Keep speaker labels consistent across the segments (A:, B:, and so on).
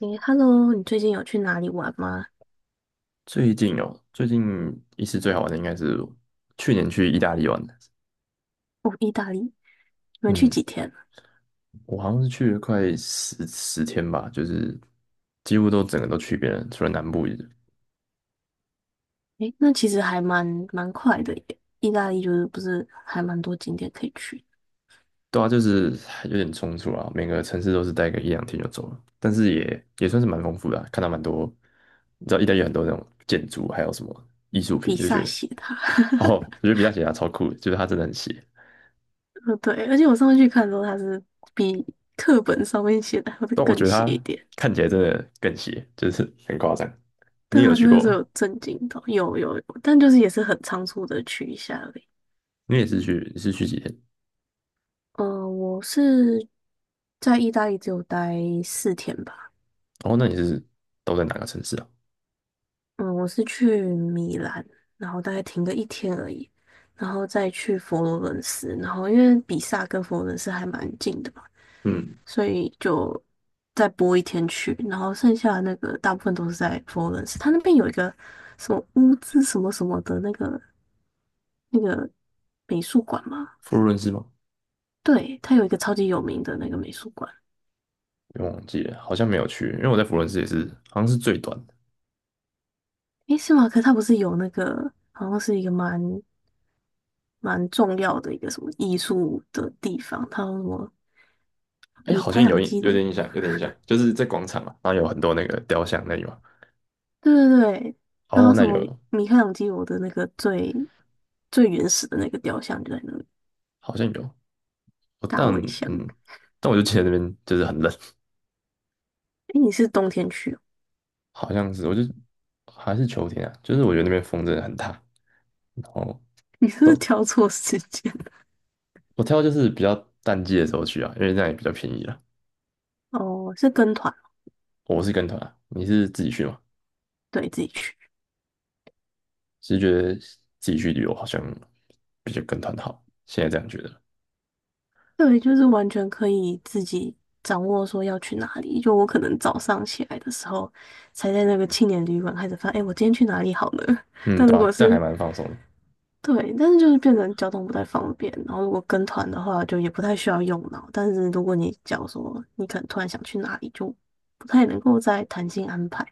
A: 诶，Hello，你最近有去哪里玩吗？
B: 最近一次最好玩的应该是去年去意大利玩的。
A: 哦，意大利，你们去
B: 嗯，
A: 几天啊？
B: 我好像是去了快十天吧，就是几乎都整个都去遍了，除了南部一点。
A: 诶，那其实还蛮快的耶。意大利就是不是还蛮多景点可以去，
B: 对啊，就是有点冲突啊，每个城市都是待个一两天就走了，但是也算是蛮丰富的啊看到蛮多，你知道意大利有很多那种建筑，还有什么艺术品，
A: 比
B: 就觉
A: 萨
B: 得
A: 斜塔。
B: 哦，我觉 得比较邪啊，超酷的就是它真的很邪。
A: 哦对，而且我上次去看的时候，它是比课本上面写的还会
B: 但我觉
A: 更
B: 得
A: 斜一
B: 它
A: 点。
B: 看起来真的更邪，就是很夸张。你
A: 对
B: 有
A: 啊，
B: 去
A: 那个
B: 过
A: 时候
B: 吗？
A: 有震惊到，有有有，但就是也是很仓促的去一下而已。
B: 你是去几天？
A: 嗯、我是在意大利只有待4天吧。
B: 哦，那你是都在哪个城市啊？
A: 嗯，我是去米兰，然后大概停个一天而已，然后再去佛罗伦斯，然后因为比萨跟佛罗伦斯还蛮近的嘛，
B: 嗯，
A: 所以就再播一天去，然后剩下的那个大部分都是在佛罗伦斯，它那边有一个什么乌兹什么什么的那个美术馆嘛。
B: 佛罗伦斯吗？
A: 对，它有一个超级有名的那个美术馆。
B: 我忘记了，好像没有去，因为我在佛罗伦斯也是，好像是最短的。
A: 诶，是吗？可它不是有那个好像是一个蛮重要的一个什么艺术的地方，它有什么
B: 哎，
A: 米
B: 好像
A: 开
B: 有
A: 朗
B: 印，
A: 基
B: 有
A: 罗，
B: 点印象，就是在广场嘛，然后有很多那个雕像那里嘛。
A: 对对对，然
B: 哦，
A: 后什
B: 那
A: 么
B: 有，
A: 米开朗基罗的那个最原始的那个雕像就在那里，
B: 好像有。我
A: 大
B: 但
A: 卫像。
B: 嗯，但我就记得那边就是很冷，
A: 诶，你是冬天去哦，
B: 好像是，还是秋天啊，就是我觉得那边风真的很大。然后
A: 你是不
B: 都
A: 是挑错时间？
B: 我挑就是比较淡季的时候去啊，因为那样也比较便宜了。
A: 哦，是跟团哦。
B: 我是跟团啊，你是自己去吗？
A: 对，自己去。
B: 只是觉得自己去旅游好像比较跟团好，现在这样觉得。
A: 对，就是完全可以自己掌握说要去哪里。就我可能早上起来的时候，才在那个青年旅馆开始发，哎，我今天去哪里好呢？
B: 嗯，
A: 但
B: 对
A: 如
B: 吧？
A: 果
B: 这样还
A: 是
B: 蛮放松的，
A: 对，但是就是变成交通不太方便，然后如果跟团的话，就也不太需要用脑。但是如果你假如说你可能突然想去哪里，就不太能够在弹性安排。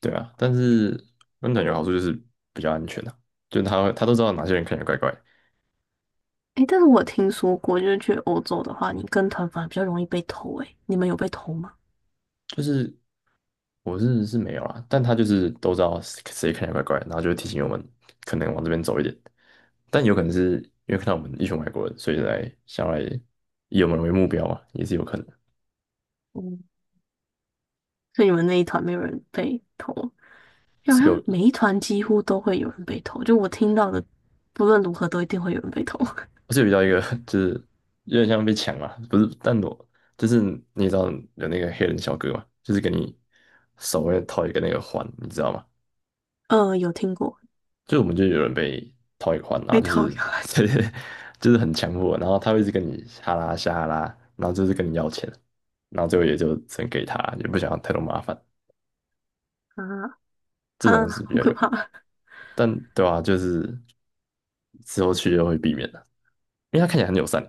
B: 对啊。但是跟团有好处就是比较安全啊，就他都知道哪些人看起来怪怪，
A: 诶，但是我听说过，就是去欧洲的话，你跟团反而比较容易被偷。诶，你们有被偷吗？
B: 就是我是没有啦，但他就是都知道谁谁看起来怪怪，然后就会提醒我们可能往这边走一点，但有可能是因为看到我们一群外国人，所以想要来以我们为目标嘛，也是有可能。
A: 嗯，所以你们那一团没有人被偷，好
B: 是
A: 像
B: 有
A: 每一团几乎都会有人被偷。就我听到的，不论如何都一定会有人被偷。
B: 我是有遇到一个，就是有点像被抢嘛，不是，但我就是你也知道有那个黑人小哥嘛，就是给你手会套一个那个环，你知道吗？
A: 有听过
B: 就我们就有人被套一个环，然
A: 被
B: 后就
A: 偷
B: 是
A: 有。
B: 对就是很强迫，然后他会一直跟你哈拉下哈拉，然后就是跟你要钱，然后最后也就只能给他，也不想要太多麻烦，
A: 啊
B: 这
A: 啊，
B: 种是比
A: 好
B: 较
A: 可
B: 有了，
A: 怕！
B: 但对啊，就是之后去就会避免的，因为他看起来很友善，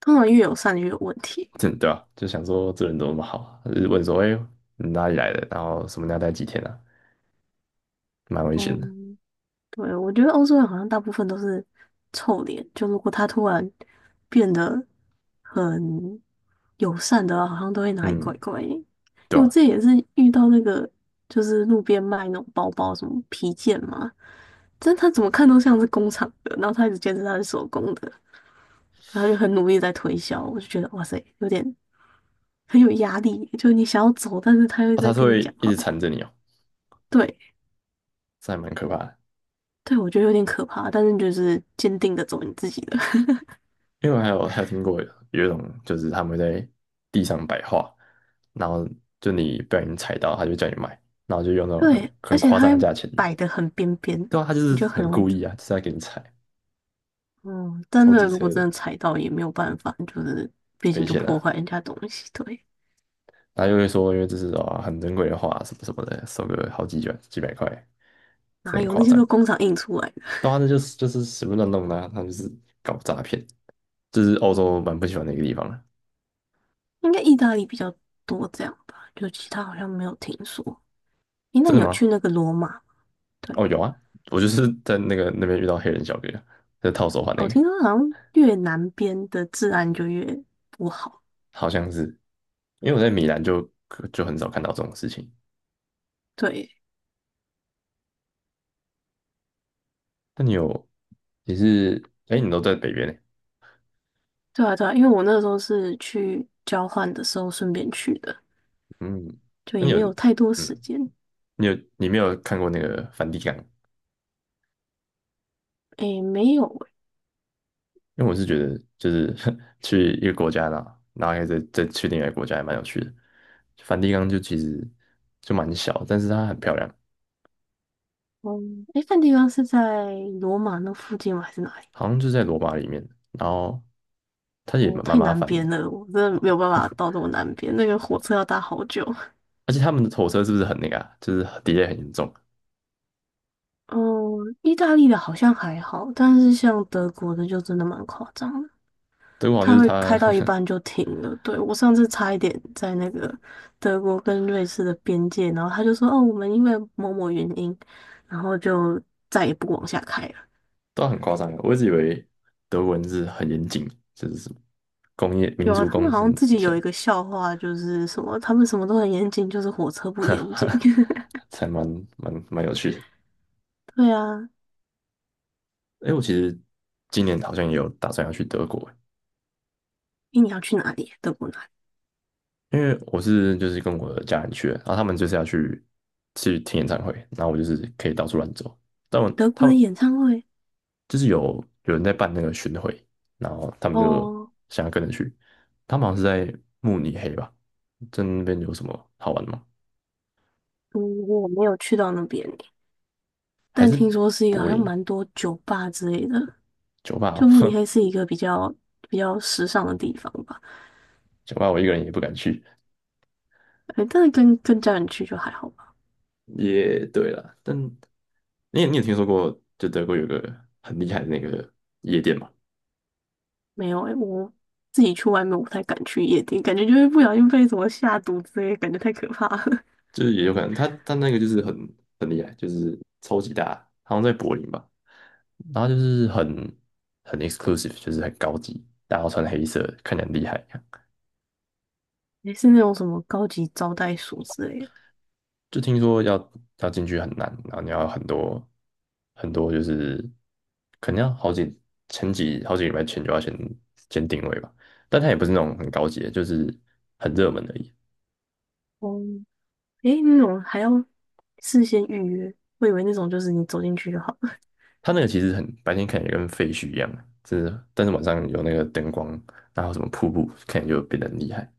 A: 通常越友善越有问题。
B: 真的啊，就想说这人怎么那么好啊？就是问说，哎、你哪里来的？然后什么你要待几天啊？蛮危险
A: 哦，
B: 的。
A: 对，我觉得欧洲人好像大部分都是臭脸，就如果他突然变得很友善的话，好像都会哪里怪
B: 嗯，
A: 怪的。
B: 对
A: 因为
B: 啊，
A: 这也是遇到那个，就是路边卖那种包包，什么皮件嘛，但他怎么看都像是工厂的，然后他一直坚持他是手工的，然后就很努力地在推销，我就觉得哇塞，有点很有压力，就你想要走，但是他又
B: 啊，他
A: 在
B: 是
A: 跟你
B: 会
A: 讲
B: 一
A: 话。
B: 直缠着你哦，
A: 对，
B: 这还蛮可怕的。
A: 对，我觉得有点可怕，但是就是坚定的走你自己的。
B: 因为我还有听过有一种，就是他们会在地上摆画，然后就你不小心踩到，他就叫你买，然后就用那种很
A: 对，而
B: 很
A: 且
B: 夸
A: 它
B: 张的
A: 还
B: 价钱。
A: 摆的很边边，
B: 对啊，他就是
A: 你就很
B: 很
A: 容易。
B: 故意啊，就是在给你踩，
A: 嗯，但
B: 超
A: 那个
B: 机
A: 如果
B: 车的，
A: 真的踩到也没有办法，就是毕竟
B: 赔
A: 就
B: 钱
A: 破
B: 啊。
A: 坏人家东西。对，
B: 然后又会说，因为这是啊很珍贵的画，什么什么的，收个好几卷几百块，真的
A: 哪
B: 很
A: 有那
B: 夸
A: 些
B: 张。
A: 都工厂印出来的？
B: 然后就是随便乱弄的啊，他们就是搞诈骗，这是欧
A: 哦、
B: 洲蛮不喜欢的一个地方的。
A: 应该意大利比较多这样吧，就其他好像没有听说。诶，那
B: 真的
A: 你有
B: 吗？
A: 去那个罗马吗？对，
B: 哦，有啊，我就是在那边遇到黑人小哥，在套手环那
A: 我
B: 个，
A: 听说好像越南边的治安就越不好。
B: 好像是，因为我在米兰就很少看到这种事情。
A: 对，
B: 那你有，你是，哎，你都在北边呢，
A: 对啊，对啊，因为我那时候是去交换的时候顺便去的，
B: 嗯，
A: 就
B: 那
A: 也
B: 你有，
A: 没有太多时
B: 嗯，
A: 间。
B: 你有，你没有看过那个梵蒂冈？
A: 诶，没有诶。
B: 因为我是觉得，就是 去一个国家然后又再去另外一个国家，也蛮有趣的。梵蒂冈就其实就蛮小，但是它很漂亮，
A: 嗯，诶，那地方是在罗马那附近吗？还是哪里？
B: 好像就在罗马里面。然后它也
A: 哦，
B: 蛮
A: 太
B: 麻
A: 南
B: 烦的
A: 边了，我真
B: 啊、
A: 的没有办
B: 哦
A: 法到这么南边，那个火车要搭好久。
B: 而且他们的火车是不是很那个啊？就是 d e 很严重。
A: 嗯，意大利的好像还好，但是像德国的就真的蛮夸张的。
B: 德国好像
A: 它
B: 就是
A: 会
B: 它
A: 开到一 半就停了。对，我上次差一点在那个德国跟瑞士的边界，然后他就说：“哦，我们因为某某原因，然后就再也不往下开了。”
B: 都很夸张的，我一直以为德文是很严谨，就是什么工业民
A: 有啊，
B: 族
A: 他
B: 工
A: 们好像
B: 程
A: 自己
B: 这
A: 有一
B: 样，
A: 个笑话，就是什么他们什么都很严谨，就是火车不严谨。
B: 才蛮有趣的。
A: 对啊，
B: 哎，我其实今年好像也有打算要去德国。
A: 诶你要去哪里？德国哪里？
B: 因为就是跟我的家人去的，然后他们就是要去听演唱会，然后我就是可以到处乱走。但
A: 德
B: 他
A: 国的
B: 们
A: 演唱会？
B: 就是有人在办那个巡回，然后他们就
A: 哦，
B: 想要跟着去。他们好像是在慕尼黑吧？在那边有什么好玩的吗？
A: 嗯，我没有去到那边耶，
B: 还
A: 但
B: 是
A: 听说是一个好
B: 柏
A: 像
B: 林啊？
A: 蛮多酒吧之类的。
B: 酒吧
A: 就慕尼
B: 哦，
A: 黑是一个比较时尚的地方吧。
B: 酒吧我一个人也不敢去。
A: 哎，但是跟家人去就还好吧。
B: 也对了，但你有听说过就德国有个很厉害的那个夜店吗？
A: 没有诶、我自己去外面我不太敢去夜店，感觉就会不小心被什么下毒之类的，感觉太可怕了。
B: 就是也有可能，他那个就是很厉害，就是超级大，好像在柏林吧，然后就是很 exclusive，就是很高级，大家都穿黑色，看起来很厉害
A: 也是那种什么高级招待所之类的。
B: 就听说要进去很难，然后你要很多很多，就是可能要好几前几好几个礼拜前就要先定位吧，但它也不是那种很高级的，就是很热门而已。
A: 哦、哎，那种还要事先预约，我以为那种就是你走进去就好了。
B: 它那个其实白天看起来跟废墟一样，就是但是晚上有那个灯光，然后什么瀑布，看起来就变得很厉害。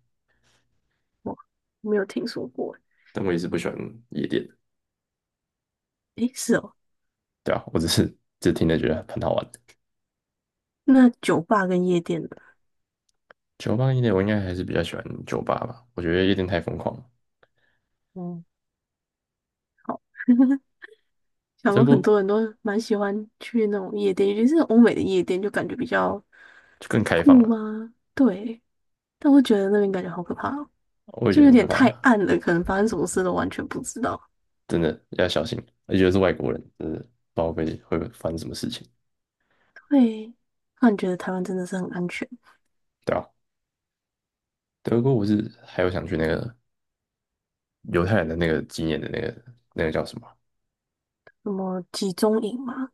A: 哇，没有听说过。
B: 但我也是不喜欢夜店的，
A: 诶、哎是哦，
B: 对啊，我只听着觉得很好玩。
A: 那酒吧跟夜店呢？
B: 酒吧夜店我应该还是比较喜欢酒吧吧，我觉得夜店太疯狂了，
A: 嗯，好，想
B: 德
A: 说很
B: 个
A: 多人都蛮喜欢去那种夜店，尤其是欧美的夜店，就感觉比较
B: 就更开放
A: 酷
B: 了，
A: 吗？对。但我觉得那边感觉好可怕哦，
B: 我也觉
A: 就
B: 得
A: 有
B: 很可
A: 点太
B: 怕，
A: 暗了，可能发生什么事都完全不知道。
B: 真的要小心，而且是外国人，真的不知道会发生什么事情，
A: 对，那你觉得台湾真的是很安全？
B: 对啊。德国我是还有想去那个犹太人的那个纪念的那个叫什么，
A: 什么集中营嘛？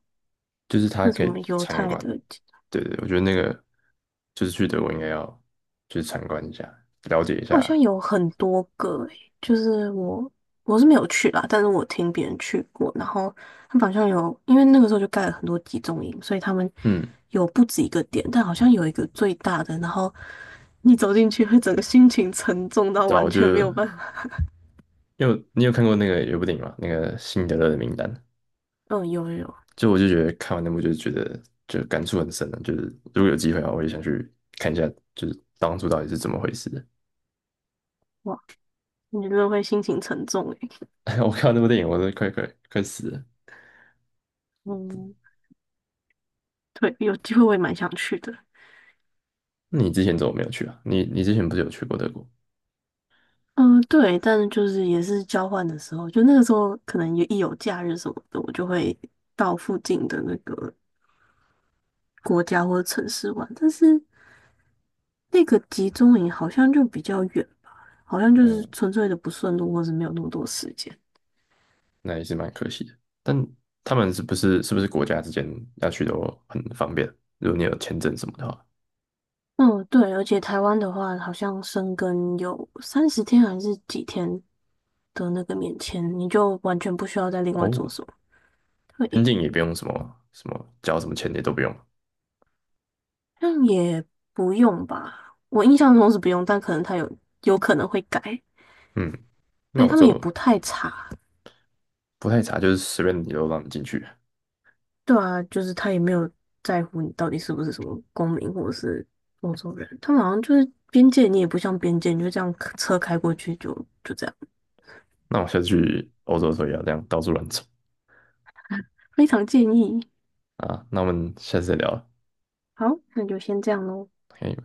B: 就是他
A: 那什
B: 可
A: 么
B: 以
A: 犹
B: 参
A: 太
B: 观，
A: 的集，
B: 对对，我觉得那个就是去德国应该要去参观一下，了解一
A: 它好像
B: 下。
A: 有很多个诶，就是我是没有去啦，但是我听别人去过，然后他们好像有，因为那个时候就盖了很多集中营，所以他们
B: 嗯，
A: 有不止一个点，但好像有一个最大的，然后你走进去会整个心情沉重到
B: 对啊，
A: 完
B: 我就。
A: 全没有办法。
B: 因为你有看过那个有部电影吗？那个《辛德勒的名单》，
A: 嗯，有有有。
B: 就我就觉得看完那部就是觉得就感触很深的，就是如果有机会啊，我也想去看一下，就是当初到底是怎么回事的。
A: 我你真的会心情沉重诶。
B: 我看完那部电影，我都快死了。
A: 嗯，对，有机会我也蛮想去的。
B: 那你之前怎么没有去啊？你之前不是有去过德国？
A: 嗯，对，但是就是也是交换的时候，就那个时候可能也一有假日什么的，我就会到附近的那个国家或者城市玩。但是那个集中营好像就比较远，好像就是
B: 嗯，
A: 纯粹的不顺路，或是没有那么多时间。
B: 那也是蛮可惜的。但他们是不是国家之间要去都很方便？如果你有签证什么的话，
A: 嗯，对，而且台湾的话，好像生根有30天还是几天的那个免签，你就完全不需要再另外
B: 哦，
A: 做什么。
B: 边
A: 对，
B: 境也不用什么什么交什么钱也都不用。
A: 那也不用吧，我印象中是不用，但可能他有可能会改。
B: 嗯，那
A: 对，
B: 我
A: 他们也
B: 就
A: 不太查，
B: 不太查，就是随便你都让你进去。
A: 对啊，就是他也没有在乎你到底是不是什么公民或者是欧洲人，他们好像就是边界，你也不像边界，你就这样车开过去就就这样，
B: 那我下次去欧洲的时候也要这样到处乱走
A: 非常建议。
B: 啊。那我们下次再聊了
A: 好，那就先这样喽。
B: ，OK。